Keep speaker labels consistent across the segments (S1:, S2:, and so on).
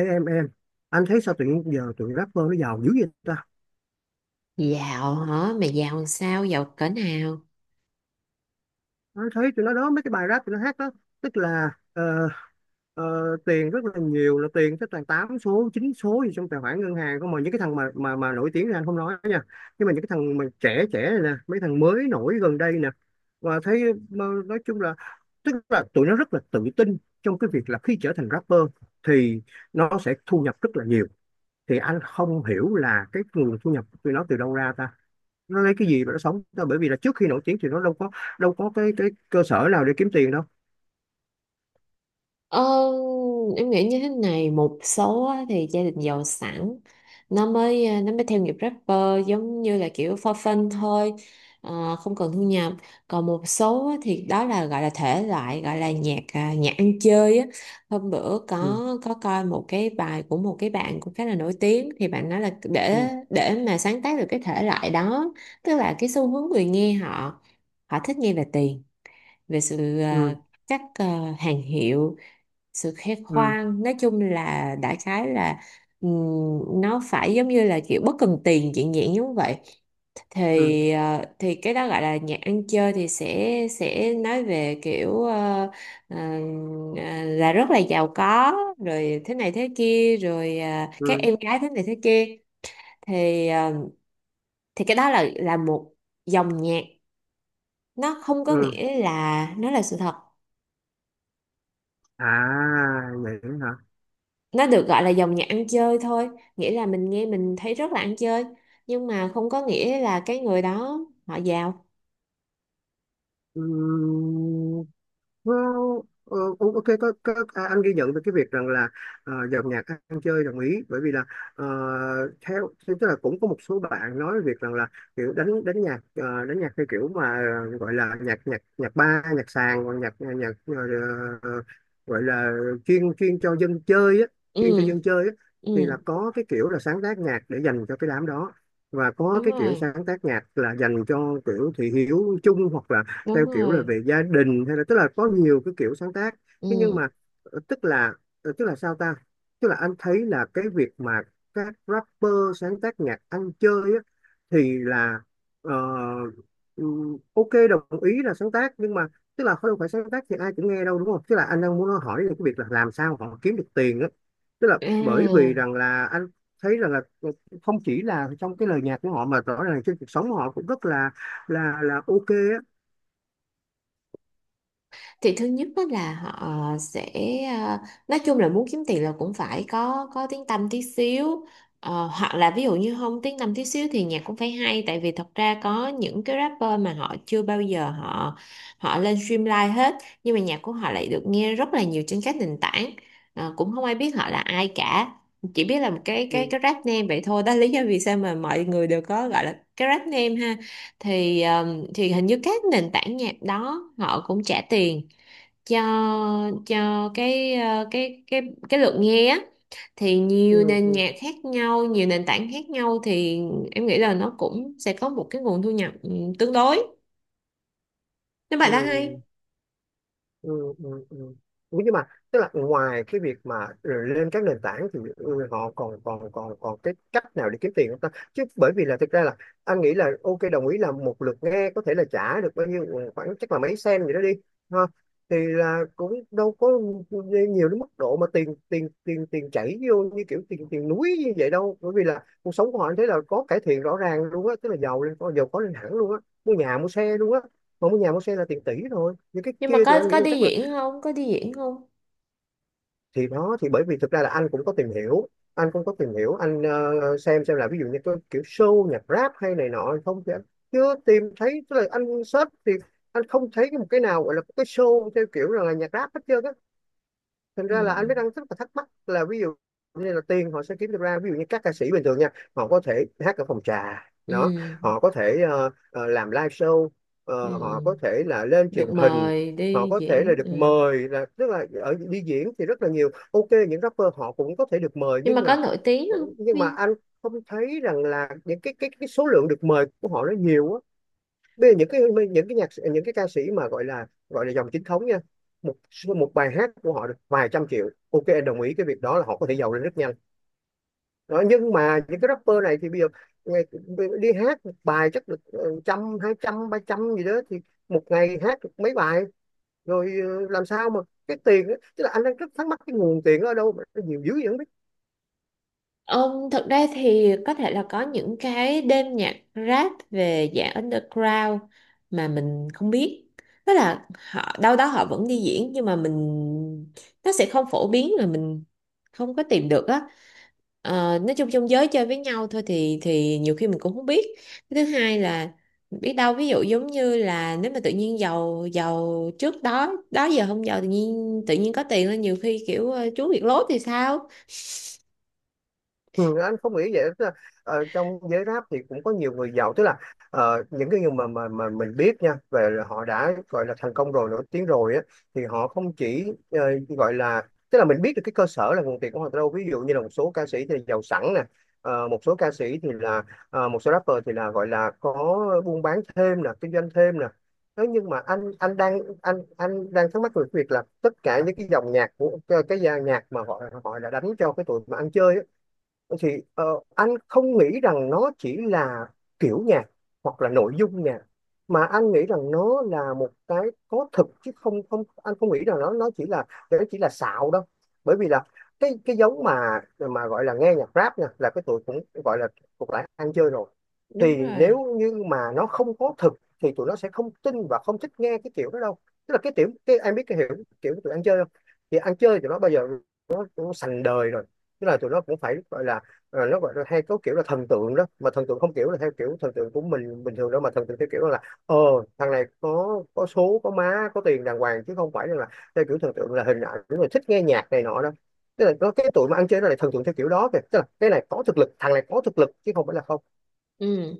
S1: Ê, em anh thấy sao tự nhiên giờ tụi rapper nó giàu dữ vậy ta?
S2: Dạo hả? Mày dạo làm sao? Dạo cỡ nào?
S1: Anh thấy tụi nó đó, mấy cái bài rap tụi nó hát đó, tức là tiền rất là nhiều, là tiền tới toàn 8 số 9 số gì trong tài khoản ngân hàng không, mà những cái thằng mà nổi tiếng ra anh không nói nha, nhưng mà những cái thằng mà trẻ trẻ này nè, mấy thằng mới nổi gần đây nè, và thấy, mà nói chung là, tức là tụi nó rất là tự tin trong cái việc là khi trở thành rapper thì nó sẽ thu nhập rất là nhiều. Thì anh không hiểu là cái nguồn thu nhập của tụi nó từ đâu ra ta, nó lấy cái gì mà nó sống đâu, bởi vì là trước khi nổi tiếng thì nó đâu có, đâu có cái cơ sở nào để kiếm tiền đâu.
S2: Ờ, em nghĩ như thế này: một số á, thì gia đình giàu sẵn, nó mới nó mới theo nghiệp rapper, giống như là kiểu for fun thôi, không cần thu nhập. Còn một số á, thì đó là gọi là thể loại, gọi là nhạc nhạc ăn chơi á. Hôm bữa có
S1: Ừ,
S2: coi một cái bài của một cái bạn cũng khá là nổi tiếng, thì bạn nói là để
S1: ừ,
S2: để mà sáng tác được cái thể loại đó, tức là cái xu hướng người nghe họ, họ thích nghe là tiền, về sự
S1: ừ,
S2: các hàng hiệu, sự khoe
S1: ừ,
S2: khoang, nói chung là đại khái là nó phải giống như là kiểu bất cần tiền, chuyện dạng giống vậy.
S1: ừ,
S2: Thì thì cái đó gọi là nhạc ăn chơi, thì sẽ nói về kiểu ờ, là rất là giàu có, rồi thế này thế kia, rồi à, các
S1: ừ,
S2: em gái thế này thế kia. Thì thì cái đó là một dòng nhạc, nó không có
S1: ừ.
S2: nghĩa là nó là sự thật.
S1: À, vậy hả?
S2: Nó được gọi là dòng nhạc ăn chơi thôi, nghĩa là mình nghe mình thấy rất là ăn chơi, nhưng mà không có nghĩa là cái người đó họ giàu.
S1: Ừ. Well, ok, có, à, anh ghi nhận về cái việc rằng là dòng nhạc ăn chơi đồng ý, bởi vì là ờ, theo, tức là cũng có một số bạn nói về việc rằng là kiểu đánh đánh nhạc, đánh nhạc theo kiểu mà gọi là nhạc nhạc nhạc ba nhạc sàn, hoặc nhạc ờ, gọi là chuyên chuyên cho dân chơi á, chuyên cho
S2: Ừ.
S1: dân chơi á. Thì
S2: Ừ.
S1: là có cái kiểu là sáng tác nhạc để dành cho cái đám đó, và có
S2: Đúng
S1: cái kiểu
S2: rồi.
S1: sáng tác nhạc là dành cho kiểu thị hiếu chung, hoặc là
S2: Đúng
S1: theo kiểu là
S2: rồi.
S1: về gia đình, hay là tức là có nhiều cái kiểu sáng tác. Thế nhưng
S2: Ừ.
S1: mà tức là tức là sao ta, tức là anh thấy là cái việc mà các rapper sáng tác nhạc ăn chơi á, thì là ờ, ok, đồng ý là sáng tác, nhưng mà tức là không phải sáng tác thì ai cũng nghe đâu, đúng không? Tức là anh đang muốn hỏi là cái việc là làm sao họ kiếm được tiền á. Tức là
S2: À.
S1: bởi vì rằng là anh thấy rằng là không chỉ là trong cái lời nhạc của họ, mà rõ ràng trên cuộc sống họ cũng rất là là ok á.
S2: Thì thứ nhất đó là họ sẽ à, nói chung là muốn kiếm tiền là cũng phải có tiếng tăm tí xíu. Ờ, hoặc là ví dụ như không tiếng tăm tí xíu thì nhạc cũng phải hay, tại vì thật ra có những cái rapper mà họ chưa bao giờ họ họ lên stream live hết, nhưng mà nhạc của họ lại được nghe rất là nhiều trên các nền tảng. Ờ, cũng không ai biết họ là ai cả, chỉ biết là một cái
S1: Ừ.
S2: cái rap name vậy thôi. Đó là lý do vì sao mà mọi người đều có gọi là cái rap name ha. Thì thì hình như các nền tảng nhạc đó họ cũng trả tiền cho cho cái cái cái lượt nghe á. Thì nhiều
S1: Ừ,
S2: nền
S1: ừ,
S2: nhạc khác nhau, nhiều nền tảng khác nhau, thì em nghĩ là nó cũng sẽ có một cái nguồn thu nhập tương đối, nếu mà đã hay.
S1: ừ, ừ, ừ, ừ. Ủa, nhưng mà tức là ngoài cái việc mà lên các nền tảng thì họ còn còn còn còn cái cách nào để kiếm tiền không ta? Chứ bởi vì là thực ra là anh nghĩ là ok, đồng ý là một lượt nghe có thể là trả được bao nhiêu, khoảng chắc là mấy sen gì đó đi, ha, thì là cũng đâu có nhiều đến mức độ mà tiền tiền tiền tiền chảy vô như kiểu tiền tiền núi như vậy đâu. Bởi vì là cuộc sống của họ anh thấy là có cải thiện rõ ràng luôn á, tức là giàu lên, có giàu có lên hẳn luôn á, mua nhà mua xe luôn á. Mỗi một nhà mua xe là tiền tỷ thôi, nhưng cái
S2: Nhưng mà
S1: kia thì
S2: có
S1: anh nghĩ là
S2: đi
S1: chắc là.
S2: diễn không? Có đi diễn không?
S1: Thì đó, thì bởi vì thực ra là anh cũng có tìm hiểu anh cũng có tìm hiểu anh xem là ví dụ như cái kiểu show nhạc rap hay này nọ không, thì anh chưa tìm thấy, tức là anh search thì anh không thấy một cái nào gọi là cái show theo kiểu là nhạc rap hết trơn á. Thành
S2: Ừ.
S1: ra là anh mới đang rất là thắc mắc là ví dụ như là tiền họ sẽ kiếm được ra. Ví dụ như các ca sĩ bình thường nha, họ có thể hát ở phòng trà đó,
S2: Ừ.
S1: họ có thể làm live show,
S2: Ừ.
S1: họ có thể là lên
S2: Được
S1: truyền hình,
S2: mời
S1: họ
S2: đi
S1: có thể là
S2: diễn,
S1: được
S2: ừ.
S1: mời, là tức là ở đi diễn thì rất là nhiều, ok. Những rapper họ cũng có thể được mời,
S2: Nhưng
S1: nhưng
S2: mà có
S1: là,
S2: nổi tiếng không
S1: nhưng mà
S2: Huy?
S1: anh không thấy rằng là những cái số lượng được mời của họ nó nhiều á. Bây giờ những cái, những cái nhạc, những cái ca sĩ mà gọi là dòng chính thống nha, một một bài hát của họ được vài trăm triệu, ok, em đồng ý cái việc đó là họ có thể giàu lên rất nhanh. Đó, nhưng mà những cái rapper này thì bây giờ ngày- đi hát một bài chắc được trăm, hai trăm, ba trăm gì đó, thì một ngày hát được mấy bài, rồi làm sao mà cái tiền á, tức là anh đang rất thắc mắc cái nguồn tiền ở đâu mà nó nhiều dữ vậy không biết.
S2: Ông thật ra thì có thể là có những cái đêm nhạc rap về dạng underground mà mình không biết. Tức là họ đâu đó họ vẫn đi diễn, nhưng mà mình, nó sẽ không phổ biến, là mình không có tìm được á. Ờ, nói chung trong giới chơi với nhau thôi, thì nhiều khi mình cũng không biết. Cái thứ hai là biết đâu ví dụ giống như là nếu mà tự nhiên giàu, giàu trước đó đó giờ không giàu, tự nhiên có tiền lên, nhiều khi kiểu trú việc lốt thì sao?
S1: Ừ, anh không nghĩ vậy, tức là, trong giới rap thì cũng có nhiều người giàu, tức là những cái người mà mình biết nha, về là họ đã gọi là thành công rồi, nổi tiếng rồi á, thì họ không chỉ, gọi là, tức là mình biết được cái cơ sở là nguồn tiền của họ từ đâu. Ví dụ như là một số ca sĩ thì giàu sẵn nè, ờ, một số ca sĩ thì là một số rapper thì là gọi là có buôn bán thêm nè, kinh doanh thêm nè. Thế nhưng mà anh đang thắc mắc về việc là tất cả những cái dòng nhạc của cái dàn nhạc mà họ họ đã đánh cho cái tụi mà ăn chơi á, thì anh không nghĩ rằng nó chỉ là kiểu nhạc hoặc là nội dung nhạc, mà anh nghĩ rằng nó là một cái có thực, chứ không không anh không nghĩ rằng nó chỉ là, nó chỉ là xạo đâu. Bởi vì là cái giống mà gọi là nghe nhạc rap nha, là cái tụi cũng gọi là thuộc lại ăn chơi rồi,
S2: Đúng
S1: thì
S2: rồi.
S1: nếu như mà nó không có thực thì tụi nó sẽ không tin và không thích nghe cái kiểu đó đâu. Tức là cái tiểu cái em biết cái hiểu kiểu tụi ăn chơi không, thì ăn chơi tụi nó bao giờ nó sành đời rồi. Tức là tụi nó cũng phải gọi là, nó gọi là hay có kiểu là thần tượng đó, mà thần tượng không kiểu là theo kiểu thần tượng của mình bình thường đâu, mà thần tượng theo kiểu là ờ thằng này có số có má có tiền đàng hoàng, chứ không phải là theo kiểu thần tượng là hình ảnh rồi thích nghe nhạc này nọ đó. Tức là có cái tụi mà ăn chơi nó lại thần tượng theo kiểu đó kìa, tức là cái này có thực lực, thằng này có thực lực, chứ không phải là không.
S2: Ừ.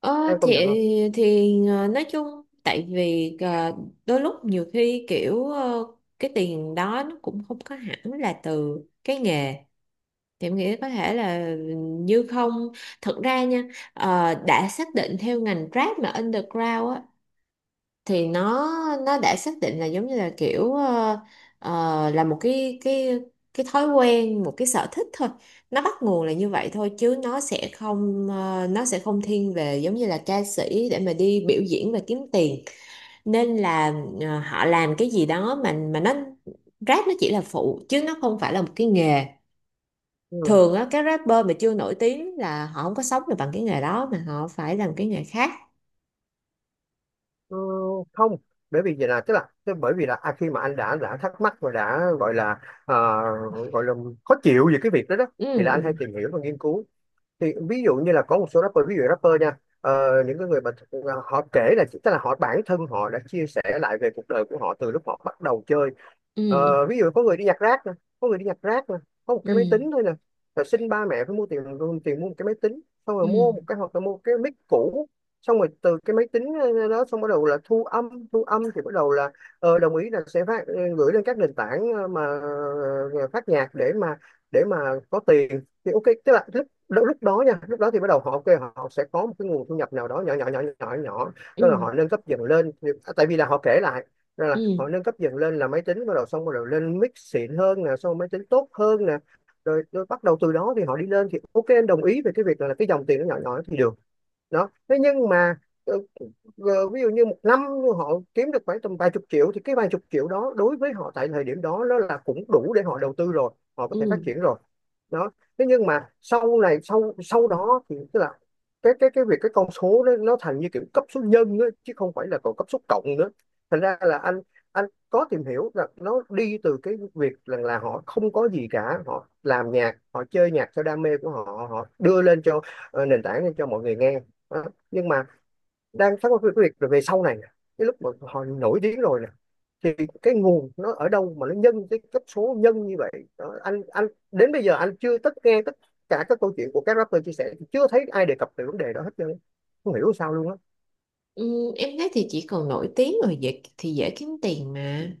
S2: Ờ,
S1: Em công nhận không?
S2: thì nói chung, tại vì đôi lúc nhiều khi kiểu cái tiền đó nó cũng không có hẳn là từ cái nghề, thì em nghĩ có thể là như không. Thật ra nha, đã xác định theo ngành Grab mà underground á, thì nó đã xác định là giống như là kiểu là một cái cái thói quen, một cái sở thích thôi, nó bắt nguồn là như vậy thôi, chứ nó sẽ không nó sẽ không thiên về giống như là ca sĩ để mà đi biểu diễn và kiếm tiền. Nên là họ làm cái gì đó mà nó, rap nó chỉ là phụ chứ nó không phải là một cái nghề.
S1: Ừ.
S2: Thường á các rapper mà chưa nổi tiếng là họ không có sống được bằng cái nghề đó, mà họ phải làm cái nghề khác.
S1: Ừ, không, bởi vì vậy là tức là bởi vì là à, khi mà anh đã thắc mắc và đã gọi là ờ, gọi là khó chịu về cái việc đó đó, thì là anh hay
S2: Ừ.
S1: tìm hiểu và nghiên cứu. Thì ví dụ như là có một số rapper, ví dụ rapper nha, những cái người mà họ kể là, tức là họ bản thân họ đã chia sẻ lại về cuộc đời của họ từ lúc họ bắt đầu chơi. Ờ,
S2: Ừ.
S1: ví dụ có người đi nhặt rác nè, có người đi nhặt rác nè, có một cái máy
S2: Ừ.
S1: tính thôi nè, rồi xin ba mẹ phải mua tiền, tiền mua một cái máy tính, xong rồi
S2: Ừ.
S1: mua một cái, hoặc là mua cái mic cũ, xong rồi từ cái máy tính đó, xong bắt đầu là thu âm. Thu âm thì bắt đầu là đồng ý là sẽ phát, gửi lên các nền tảng, phát nhạc để mà, để mà có tiền thì ok, tức là lúc lúc đó nha, lúc đó thì bắt đầu họ ok họ sẽ có một cái nguồn thu nhập nào đó nhỏ nhỏ nhỏ nhỏ nhỏ
S2: Ừ.
S1: đó là
S2: Ừ.
S1: họ nâng cấp dần lên. À, tại vì là họ kể lại, đó
S2: Ừ.
S1: là họ nâng cấp dần lên là máy tính bắt đầu, xong bắt đầu lên mic xịn hơn nè, xong máy tính tốt hơn nè, rồi, rồi bắt đầu từ đó thì họ đi lên, thì ok em đồng ý về cái việc là cái dòng tiền nó nhỏ nhỏ thì được. Đó, thế nhưng mà ờ, ví dụ như một năm họ kiếm được khoảng tầm vài chục triệu, thì cái vài chục triệu đó đối với họ tại thời điểm đó nó là cũng đủ để họ đầu tư rồi, họ có
S2: Ừ.
S1: thể phát triển rồi. Đó, thế nhưng mà sau này sau sau đó thì Tức là cái việc cái con số nó thành như kiểu cấp số nhân á, chứ không phải là còn cấp số cộng nữa. Thành ra là anh có tìm hiểu là nó đi từ cái việc rằng là họ không có gì cả, họ làm nhạc, họ chơi nhạc theo đam mê của họ, họ đưa lên cho nền tảng, lên cho mọi người nghe. Đó. Nhưng mà đang thắc mắc về cái việc rồi về sau này nè, cái lúc mà họ nổi tiếng rồi nè thì cái nguồn nó ở đâu mà nó nhân cái cấp số nhân như vậy. Đó, anh đến bây giờ anh chưa tất nghe tất cả các câu chuyện của các rapper chia sẻ thì chưa thấy ai đề cập về vấn đề đó hết trơn, không hiểu sao luôn á.
S2: Ừ. Em thấy thì chỉ cần nổi tiếng rồi dễ, thì dễ kiếm tiền mà.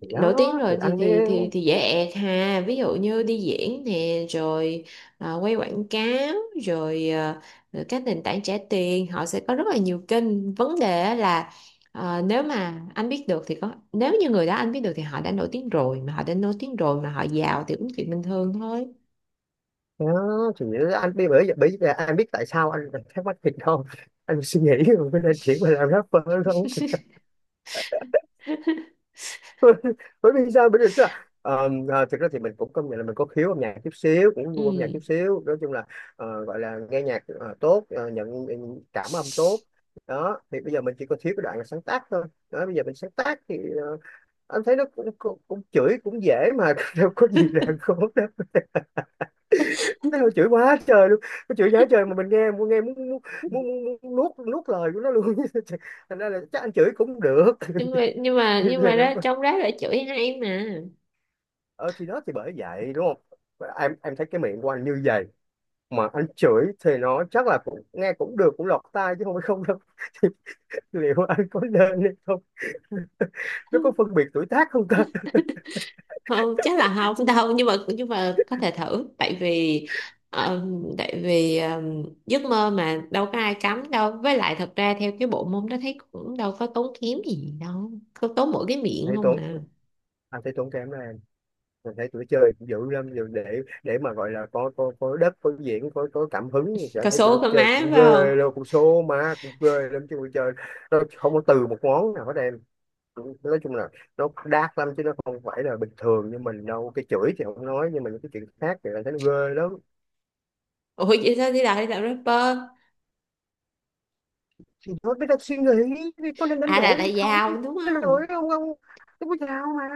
S1: thì đó
S2: Nổi tiếng
S1: thì
S2: rồi thì
S1: anh mới
S2: thì dễ ẹt ha, ví dụ như đi diễn nè, rồi à, quay quảng cáo, rồi à, rồi các nền tảng trả tiền, họ sẽ có rất là nhiều kênh vấn đề á, là à, nếu mà anh biết được thì có, nếu như người đó anh biết được thì họ đã nổi tiếng rồi, mà họ đã nổi tiếng rồi mà họ giàu thì cũng chuyện bình thường thôi.
S1: thì anh mới, bởi bởi vì anh biết tại sao anh thắc mắc thì không, anh suy nghĩ rồi mới nên chuyển qua làm rapper thôi. Bởi vì sao, bởi vì tức là thực ra thì mình cũng công nhận là mình có khiếu âm nhạc chút xíu, cũng gu âm nhạc
S2: Ừ.
S1: chút xíu, nói chung là gọi là nghe nhạc tốt, nhận cảm âm tốt. Đó thì bây giờ mình chỉ có thiếu cái đoạn là sáng tác thôi. Đó bây giờ mình sáng tác thì ờ, anh thấy nó cũng chửi cũng dễ mà, đâu có gì là khó đâu. Nó chửi quá trời luôn, nó chửi quá trời mà mình nghe muốn, nghe muốn nuốt, nuốt lời của nó luôn. Thành ra là chắc anh chửi cũng được.
S2: nhưng mà nhưng mà nhưng mà
S1: Lèo.
S2: đó, trong đó là chửi hay mà.
S1: Ờ thì đó thì bởi vậy đúng không em thấy cái miệng của anh như vậy mà anh chửi thì nó chắc là cũng nghe cũng được, cũng lọt tai chứ không phải không đâu. Thì liệu anh có nên hay không? Nó có phân biệt tuổi tác không ta?
S2: Không, chắc là không. Đâu, nhưng mà có thể thử. Tại vì ờ, tại vì giấc mơ mà đâu có ai cấm đâu, với lại thật ra theo cái bộ môn đó thấy cũng đâu có tốn kém gì, đâu có tốn, mỗi cái miệng
S1: Thấy
S2: không
S1: tốn,
S2: mà.
S1: anh thấy tốn kém đó em. Mình thấy tụi chơi cũng dữ lắm rồi, để mà gọi là có đất, có diễn, có cảm hứng thì anh
S2: Có
S1: thấy tụi nó
S2: số có
S1: chơi
S2: má
S1: cũng
S2: phải không?
S1: ghê luôn, cũng số má cũng ghê lắm chứ tụi chơi nó không có từ một món nào hết em. Nói chung là nó dark lắm chứ nó không phải là bình thường như mình đâu. Cái chửi thì không nói, nhưng mà những cái chuyện khác thì anh thấy nó ghê lắm.
S2: Ủa vậy sao? Đi làm rapper?
S1: Thì thôi biết đặt suy nghĩ thì có nên đánh
S2: À
S1: đổi
S2: là
S1: hay không?
S2: giàu đúng
S1: Đánh
S2: không?
S1: đổi, không, không không có giàu mà,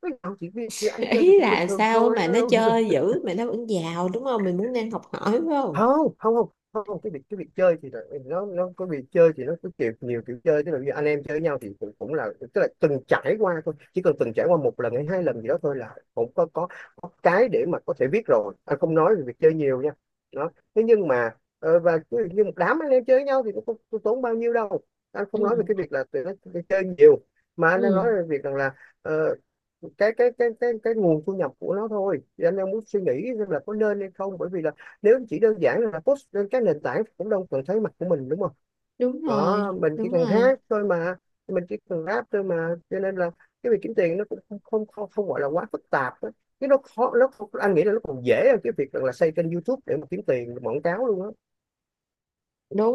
S1: có giàu chỉ vì sự ăn chơi thì
S2: Ý
S1: cũng bình
S2: là
S1: thường
S2: sao
S1: thôi,
S2: mà
S1: đâu
S2: nó
S1: đâu.
S2: chơi dữ mà nó vẫn giàu đúng không, mình muốn nên học hỏi phải không?
S1: Không không không không, cái việc chơi thì là- nó có việc chơi thì nó có kiểu, nhiều kiểu chơi. Tức là như anh em chơi với nhau thì cũng cũng là, tức là từng trải qua thôi, chỉ cần từng trải qua một lần hay hai lần gì đó thôi là có cái để mà có thể biết rồi. Anh không nói về việc chơi nhiều nha. Đó thế nhưng mà và cứ như một đám anh em chơi với nhau thì cũng không tốn bao nhiêu đâu. Anh
S2: Ừ.
S1: không nói về cái việc là tụi nó chơi nhiều, mà anh đang nói
S2: Ừ.
S1: về việc rằng là ờ, cái nguồn thu nhập của nó thôi, thì anh đang muốn suy nghĩ xem là có nên hay không, bởi vì là nếu chỉ đơn giản là post lên các nền tảng cũng đâu cần thấy mặt của mình đúng không?
S2: Đúng
S1: Đó
S2: rồi.
S1: mình chỉ
S2: Đúng
S1: cần
S2: rồi.
S1: hát thôi mà, mình chỉ cần rap thôi mà, cho nên là cái việc kiếm tiền nó cũng không gọi là quá phức tạp đó. Cái nó khó, nó anh nghĩ là nó còn dễ hơn cái việc là xây kênh YouTube để mà kiếm tiền quảng cáo luôn á.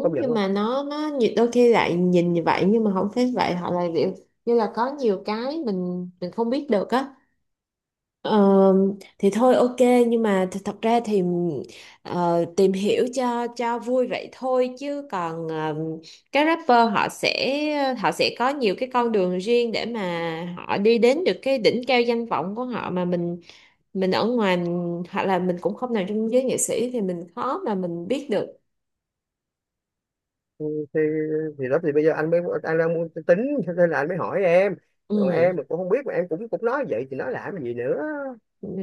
S1: Công nhận
S2: nhưng
S1: không?
S2: mà nó nhiều- đôi khi lại nhìn như vậy nhưng mà không phải vậy, họ lại kiểu như là có nhiều cái mình không biết được á. Ờ, thì thôi ok. Nhưng mà thật ra thì tìm hiểu cho vui vậy thôi, chứ còn các rapper họ sẽ có nhiều cái con đường riêng để mà họ đi đến được cái đỉnh cao danh vọng của họ, mà mình ở ngoài mình- hoặc là mình cũng không nằm trong giới nghệ sĩ thì mình khó mà mình biết được.
S1: Thì thì đó thì bây giờ anh mới, anh đang muốn tính cho nên là anh mới hỏi em. Còn
S2: Ừ.
S1: em mà cũng không biết mà em cũng cũng nói vậy thì nói làm gì nữa.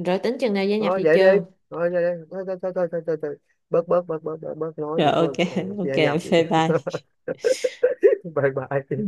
S2: Rồi tính chừng nào gia nhập
S1: Thôi
S2: thị
S1: vậy đi,
S2: trường?
S1: thôi vậy đi, thôi thôi thôi thôi thôi thôi thôi. Bớt bớt bớt bớt bớt Bớt nói
S2: Rồi
S1: vậy thôi.
S2: ok,
S1: Ờ,
S2: ok,
S1: Gia nhập vậy
S2: bye
S1: đi.
S2: bye.
S1: Bye
S2: Ừ.
S1: bye.